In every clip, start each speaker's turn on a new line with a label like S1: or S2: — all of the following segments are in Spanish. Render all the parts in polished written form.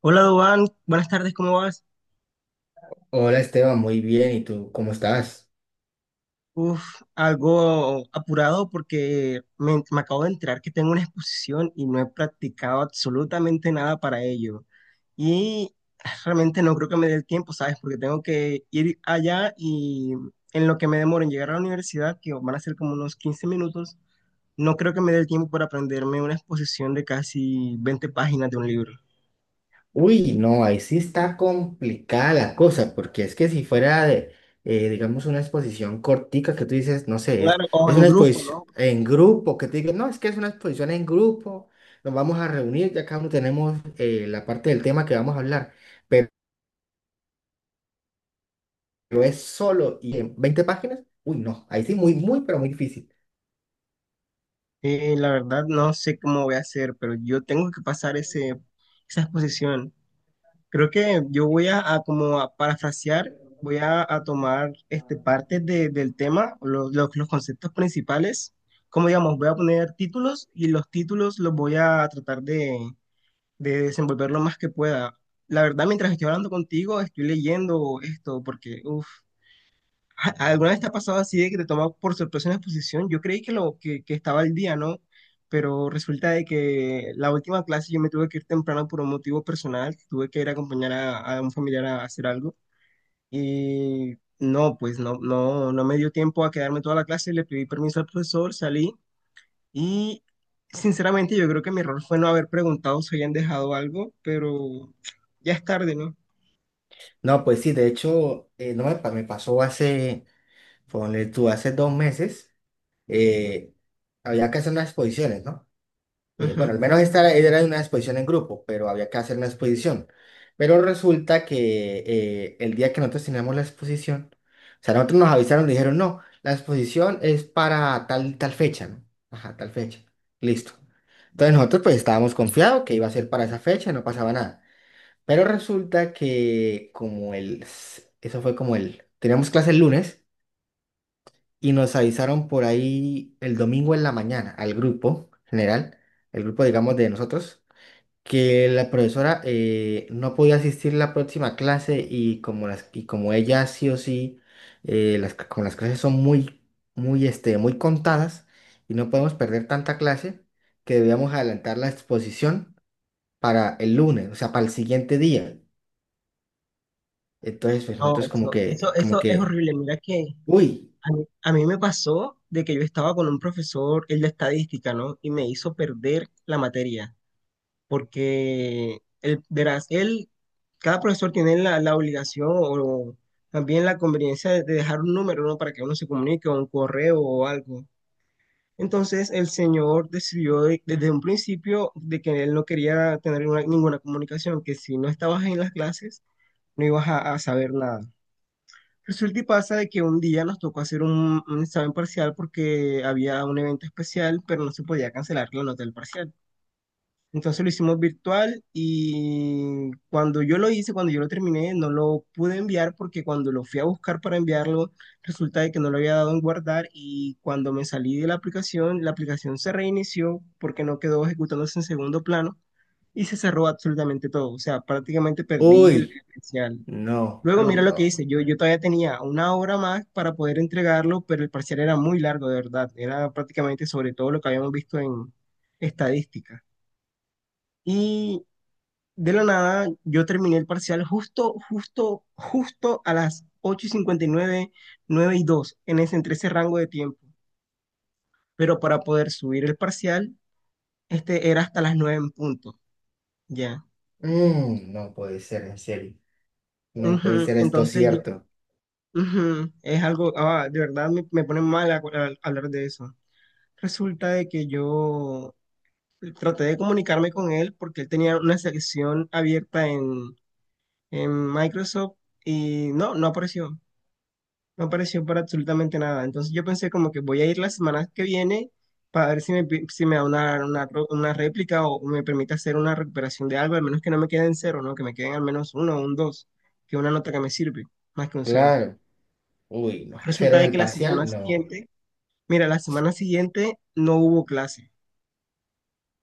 S1: Hola, Dubán. Buenas tardes, ¿cómo vas?
S2: Hola Esteban, muy bien. ¿Y tú cómo estás?
S1: Uf, algo apurado porque me acabo de enterar que tengo una exposición y no he practicado absolutamente nada para ello. Y realmente no creo que me dé el tiempo, ¿sabes? Porque tengo que ir allá y en lo que me demoro en llegar a la universidad, que van a ser como unos 15 minutos, no creo que me dé el tiempo para aprenderme una exposición de casi 20 páginas de un libro.
S2: Uy, no, ahí sí está complicada la cosa, porque es que si fuera de, digamos, una exposición cortica que tú dices, no sé,
S1: Claro, o
S2: es
S1: en
S2: una
S1: grupo,
S2: exposición
S1: ¿no?
S2: en grupo, que te digan, no, es que es una exposición en grupo, nos vamos a reunir, ya cada uno tenemos la parte del tema que vamos a hablar, pero, pero es solo y en 20 páginas, uy, no, ahí sí, muy, muy, pero muy difícil.
S1: La verdad no sé cómo voy a hacer, pero yo tengo que pasar esa exposición. Creo que yo voy a como a parafrasear, voy a tomar partes del tema, los conceptos principales. Como digamos, voy a poner títulos y los títulos los voy a tratar de desenvolver lo más que pueda. La verdad, mientras estoy hablando contigo, estoy leyendo esto porque, uff. ¿Alguna vez te ha pasado así de que te tomó por sorpresa una exposición? Yo creí que estaba al día, ¿no? Pero resulta de que la última clase yo me tuve que ir temprano por un motivo personal, tuve que ir a acompañar a un familiar a hacer algo y no, pues no me dio tiempo a quedarme toda la clase, le pedí permiso al profesor, salí y sinceramente yo creo que mi error fue no haber preguntado si habían dejado algo, pero ya es tarde, ¿no?
S2: No, pues sí, de hecho, no me, pa- me pasó hace, ponle tú, hace 2 meses. eh, Había que hacer unas exposiciones, ¿no? Bueno,
S1: Ujú.
S2: al menos esta era una exposición en grupo, pero había que hacer una exposición. Pero resulta que el día que nosotros teníamos la exposición, o sea, nosotros nos avisaron, nos dijeron, no, la exposición es para tal fecha, ¿no? Ajá, tal fecha. Listo. Entonces nosotros pues estábamos confiados que iba a ser para esa fecha, no pasaba nada. Pero resulta que como el, eso fue como el, teníamos clase el lunes y nos avisaron por ahí el domingo en la mañana al grupo general, el grupo digamos de nosotros, que la profesora no podía asistir la próxima clase y como las y como ella sí o sí las como las clases son muy muy muy contadas y no podemos perder tanta clase que debíamos adelantar la exposición para el lunes, o sea, para el siguiente día. Entonces, pues
S1: No,
S2: nosotros como
S1: eso, eso,
S2: que como
S1: eso es
S2: que
S1: horrible, mira que...
S2: uy,
S1: A mí me pasó de que yo estaba con un profesor, el de estadística, ¿no? Y me hizo perder la materia, porque, verás, cada profesor tiene la obligación o también la conveniencia de dejar un número, ¿no? Para que uno se comunique o un correo o algo. Entonces, el señor decidió desde un principio de que él no quería tener ninguna comunicación, que si no estabas en las clases, no ibas a saber nada. Resulta y pasa de que un día nos tocó hacer un examen parcial porque había un evento especial, pero no se podía cancelar la nota del parcial. Entonces lo hicimos virtual y cuando yo lo hice, cuando yo lo terminé, no lo pude enviar porque cuando lo fui a buscar para enviarlo, resulta de que no lo había dado en guardar y cuando me salí de la aplicación se reinició porque no quedó ejecutándose en segundo plano y se cerró absolutamente todo. O sea, prácticamente perdí el
S2: uy,
S1: el parcial.
S2: no,
S1: Luego
S2: uy,
S1: mira lo que
S2: no.
S1: hice, yo todavía tenía una hora más para poder entregarlo, pero el parcial era muy largo, de verdad. Era prácticamente sobre todo lo que habíamos visto en estadística. Y de la nada, yo terminé el parcial justo, justo, justo a las 8:59, 9:02, entre ese rango de tiempo. Pero para poder subir el parcial, este era hasta las 9 en punto, ya.
S2: Mm, no puede ser, en serio. No puede
S1: Ujú.
S2: ser esto
S1: Entonces yo,
S2: cierto.
S1: ujú, es algo, ah, de verdad me pone mal hablar de eso. Resulta de que yo traté de comunicarme con él porque él tenía una sección abierta en, Microsoft y no apareció. No apareció para absolutamente nada. Entonces yo pensé como que voy a ir la semana que viene para ver si me da una réplica o me permite hacer una recuperación de algo, al menos que no me queden cero, ¿no? Que me queden al menos uno o un dos, que una nota que me sirve, más que un cero.
S2: Claro. Uy, no. Cero
S1: Resulta
S2: en
S1: de
S2: el
S1: que la semana
S2: parcial, no.
S1: siguiente, mira, la semana siguiente no hubo clase.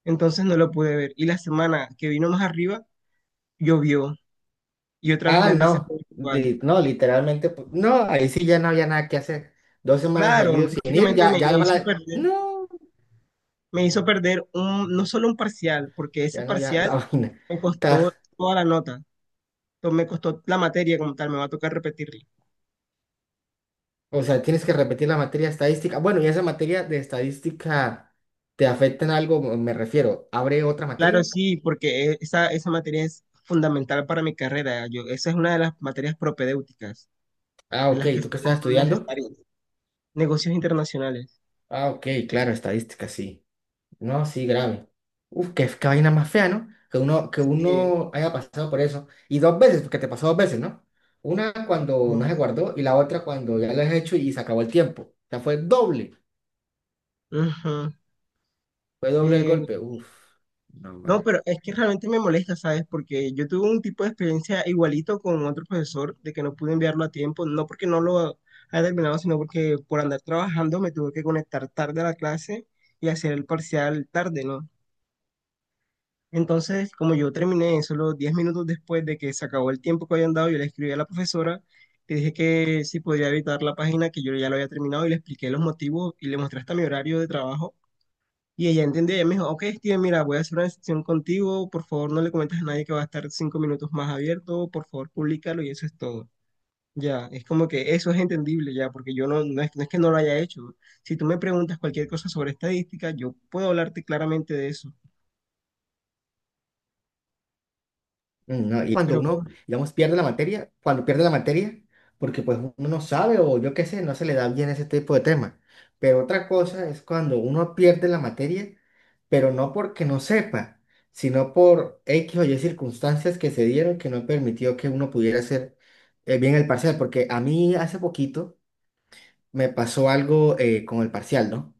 S1: Entonces no lo pude ver. Y la semana que vino más arriba, llovió y otra vez
S2: Ah,
S1: la clase
S2: no.
S1: fue virtual.
S2: No, literalmente. No, ahí sí ya no había nada que hacer. 2 semanas
S1: Claro,
S2: seguidas sin ir,
S1: prácticamente
S2: ya,
S1: me,
S2: ya va la. No,
S1: me hizo perder un, no solo un parcial, porque ese
S2: ya no, ya la
S1: parcial
S2: vaina.
S1: me costó
S2: Está-
S1: toda la nota, me costó la materia como tal, me va a tocar repetirla.
S2: o sea, tienes que repetir la materia estadística. Bueno, y esa materia de estadística te afecta en algo, me refiero. ¿Abre otra
S1: Claro,
S2: materia?
S1: sí, porque esa materia es fundamental para mi carrera. Yo, esa es una de las materias propedéuticas,
S2: Ah,
S1: de
S2: ok.
S1: las que
S2: ¿Tú qué
S1: son
S2: estás estudiando?
S1: necesarias. Negocios internacionales.
S2: Ah, ok, claro, estadística, sí. No, sí, grave. Uf, qué vaina más fea, ¿no? Que uno,
S1: Sí.
S2: haya pasado por eso. Y dos veces, porque te pasó dos veces, ¿no? Una cuando no se guardó y la otra cuando ya lo has hecho y se acabó el tiempo. O sea, fue doble.
S1: Ujú.
S2: Fue doble el
S1: Eh,
S2: golpe. Uf, no,
S1: No,
S2: hombre.
S1: pero es que realmente me molesta, ¿sabes? Porque yo tuve un tipo de experiencia igualito con otro profesor de que no pude enviarlo a tiempo, no porque no lo haya terminado, sino porque por andar trabajando me tuve que conectar tarde a la clase y hacer el parcial tarde, ¿no? Entonces, como yo terminé solo 10 minutos después de que se acabó el tiempo que habían dado, yo le escribí a la profesora, le dije que si podía evitar la página, que yo ya lo había terminado y le expliqué los motivos y le mostré hasta mi horario de trabajo. Y ella entendió, ella me dijo: ok, Steven, mira, voy a hacer una sesión contigo, por favor no le comentes a nadie que va a estar 5 minutos más abierto, por favor públicalo y eso es todo. Ya, es como que eso es entendible ya, porque yo no es que no lo haya hecho. Si tú me preguntas cualquier cosa sobre estadística, yo puedo hablarte claramente de eso,
S2: Mm, ¿no? Y cuando
S1: pero
S2: uno,
S1: bueno,
S2: digamos, pierde la materia, cuando pierde la materia, porque pues uno no sabe o yo qué sé, no se le da bien ese tipo de tema. Pero otra cosa es cuando uno pierde la materia, pero no porque no sepa, sino por X o Y circunstancias que se dieron que no permitió que uno pudiera hacer bien el parcial. Porque a mí hace poquito me pasó algo con el parcial, ¿no?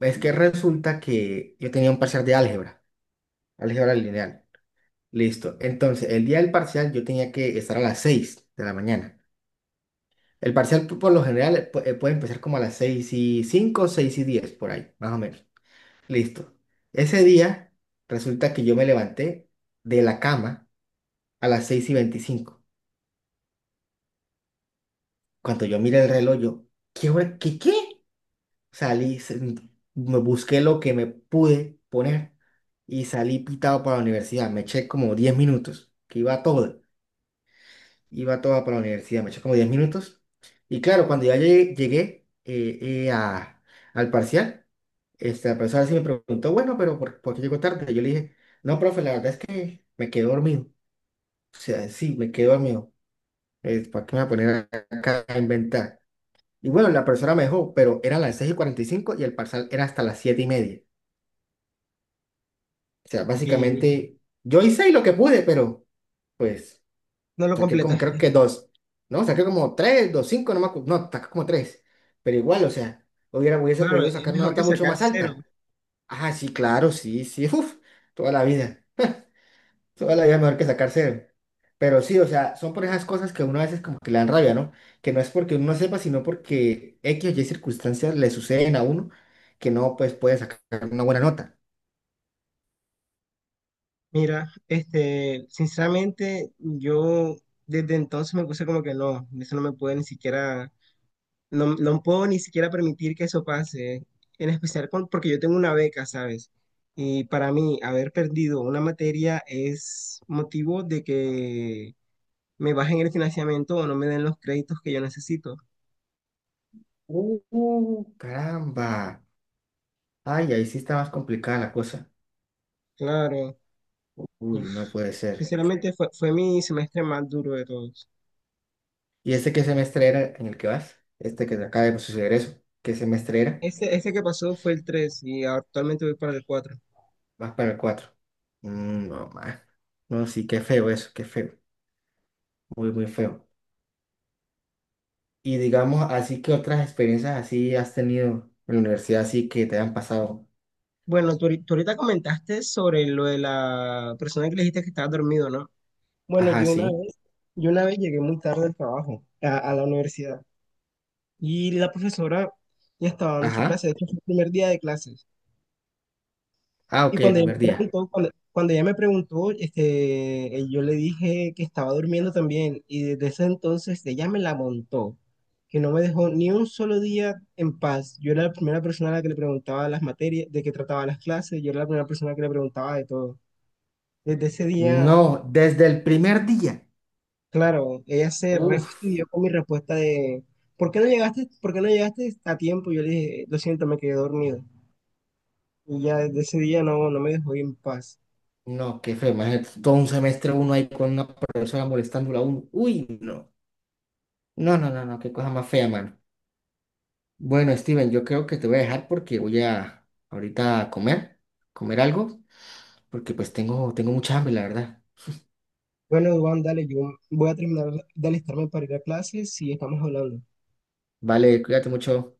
S2: Es que resulta que yo tenía un parcial de álgebra, álgebra lineal. Listo. Entonces, el día del parcial yo tenía que estar a las 6 de la mañana. El parcial por lo general puede empezar como a las 6 y cinco, 6:10 por ahí, más o menos. Listo. Ese día resulta que yo me levanté de la cama a las 6:25. Cuando yo miré el reloj, yo, ¿qué hora? ¿Qué? Salí, me busqué lo que me pude poner y salí pitado para la universidad. Me eché como 10 minutos, que iba todo. Iba toda para la universidad, me eché como 10 minutos. Y claro, cuando ya llegué, eh, a- al parcial, la profesora sí me preguntó, bueno, pero ¿ por qué llegó tarde? Yo le dije, no, profe, la verdad es que me quedé dormido. O sea, sí, me quedé dormido. ¿Para qué me voy a poner acá a inventar? Y bueno, la profesora me dejó, pero eran las 6:45 y el parcial era hasta las 7:30. O sea,
S1: y
S2: básicamente yo hice lo que pude, pero pues...
S1: no lo
S2: Saqué como, creo
S1: completaste.
S2: que dos. No, saqué como tres, dos, cinco, no me no, saqué como tres. Pero igual, o sea, hubiera, hubiese
S1: Claro,
S2: podido
S1: es
S2: sacar una
S1: mejor
S2: nota
S1: que
S2: mucho
S1: sacar
S2: más
S1: cero.
S2: alta. Ah, sí, claro, sí, sí, uff, toda la vida. Toda la vida mejor que sacar cero. Pero sí, o sea, son por esas cosas que uno a veces como que le dan rabia, ¿no? Que no es porque uno no sepa, sino porque X o Y circunstancias le suceden a uno que no, pues, puede sacar una buena nota.
S1: Mira, sinceramente, yo desde entonces me puse como que no, eso no me puede ni siquiera. No, no puedo ni siquiera permitir que eso pase, en especial porque yo tengo una beca, ¿sabes? Y para mí, haber perdido una materia es motivo de que me bajen el financiamiento o no me den los créditos que yo necesito.
S2: Caramba. Ay, ahí sí está más complicada la cosa.
S1: Claro,
S2: Uy,
S1: uf,
S2: no puede ser.
S1: sinceramente fue mi semestre más duro de todos.
S2: ¿Y este qué semestre era en el que vas? Este que te acaba de suceder eso. ¿Qué semestre era?
S1: Este que pasó fue el 3 y actualmente voy para el cuatro.
S2: Vas para el cuatro. Mm, no, más. No, sí, qué feo eso, qué feo. Muy, muy feo. Y digamos, así que otras experiencias así has tenido en la universidad, así que te han pasado.
S1: Bueno, tú ahorita comentaste sobre lo de la persona que le dijiste que estaba dormido, ¿no? Bueno,
S2: Ajá, sí.
S1: yo una vez llegué muy tarde al trabajo, a la universidad, y la profesora ya estaba dando su clase,
S2: Ajá.
S1: de hecho fue el primer día de clases.
S2: Ah,
S1: Y
S2: ok, el
S1: cuando ella
S2: primer
S1: me
S2: día.
S1: preguntó, yo le dije que estaba durmiendo también, y desde ese entonces ella me la montó, que no me dejó ni un solo día en paz. Yo era la primera persona a la que le preguntaba las materias, de qué trataba las clases, yo era la primera persona que le preguntaba de todo. Desde ese día.
S2: No, desde el primer día.
S1: Claro, ella se
S2: Uf.
S1: refastidió con mi respuesta de ¿por qué no llegaste a tiempo? Yo le dije, lo siento, me quedé dormido. Y ya desde ese día no me dejó en paz.
S2: No, qué feo. Imagínate, todo un semestre uno ahí con una profesora molestándola a uno. Uy, no. No, no, no, no, qué cosa más fea, mano. Bueno, Steven, yo creo que te voy a dejar porque voy a ahorita a comer, algo, porque pues tengo mucha hambre, la verdad.
S1: Bueno, Juan, dale, yo voy a terminar de alistarme para ir a clases y estamos hablando.
S2: Vale, cuídate mucho.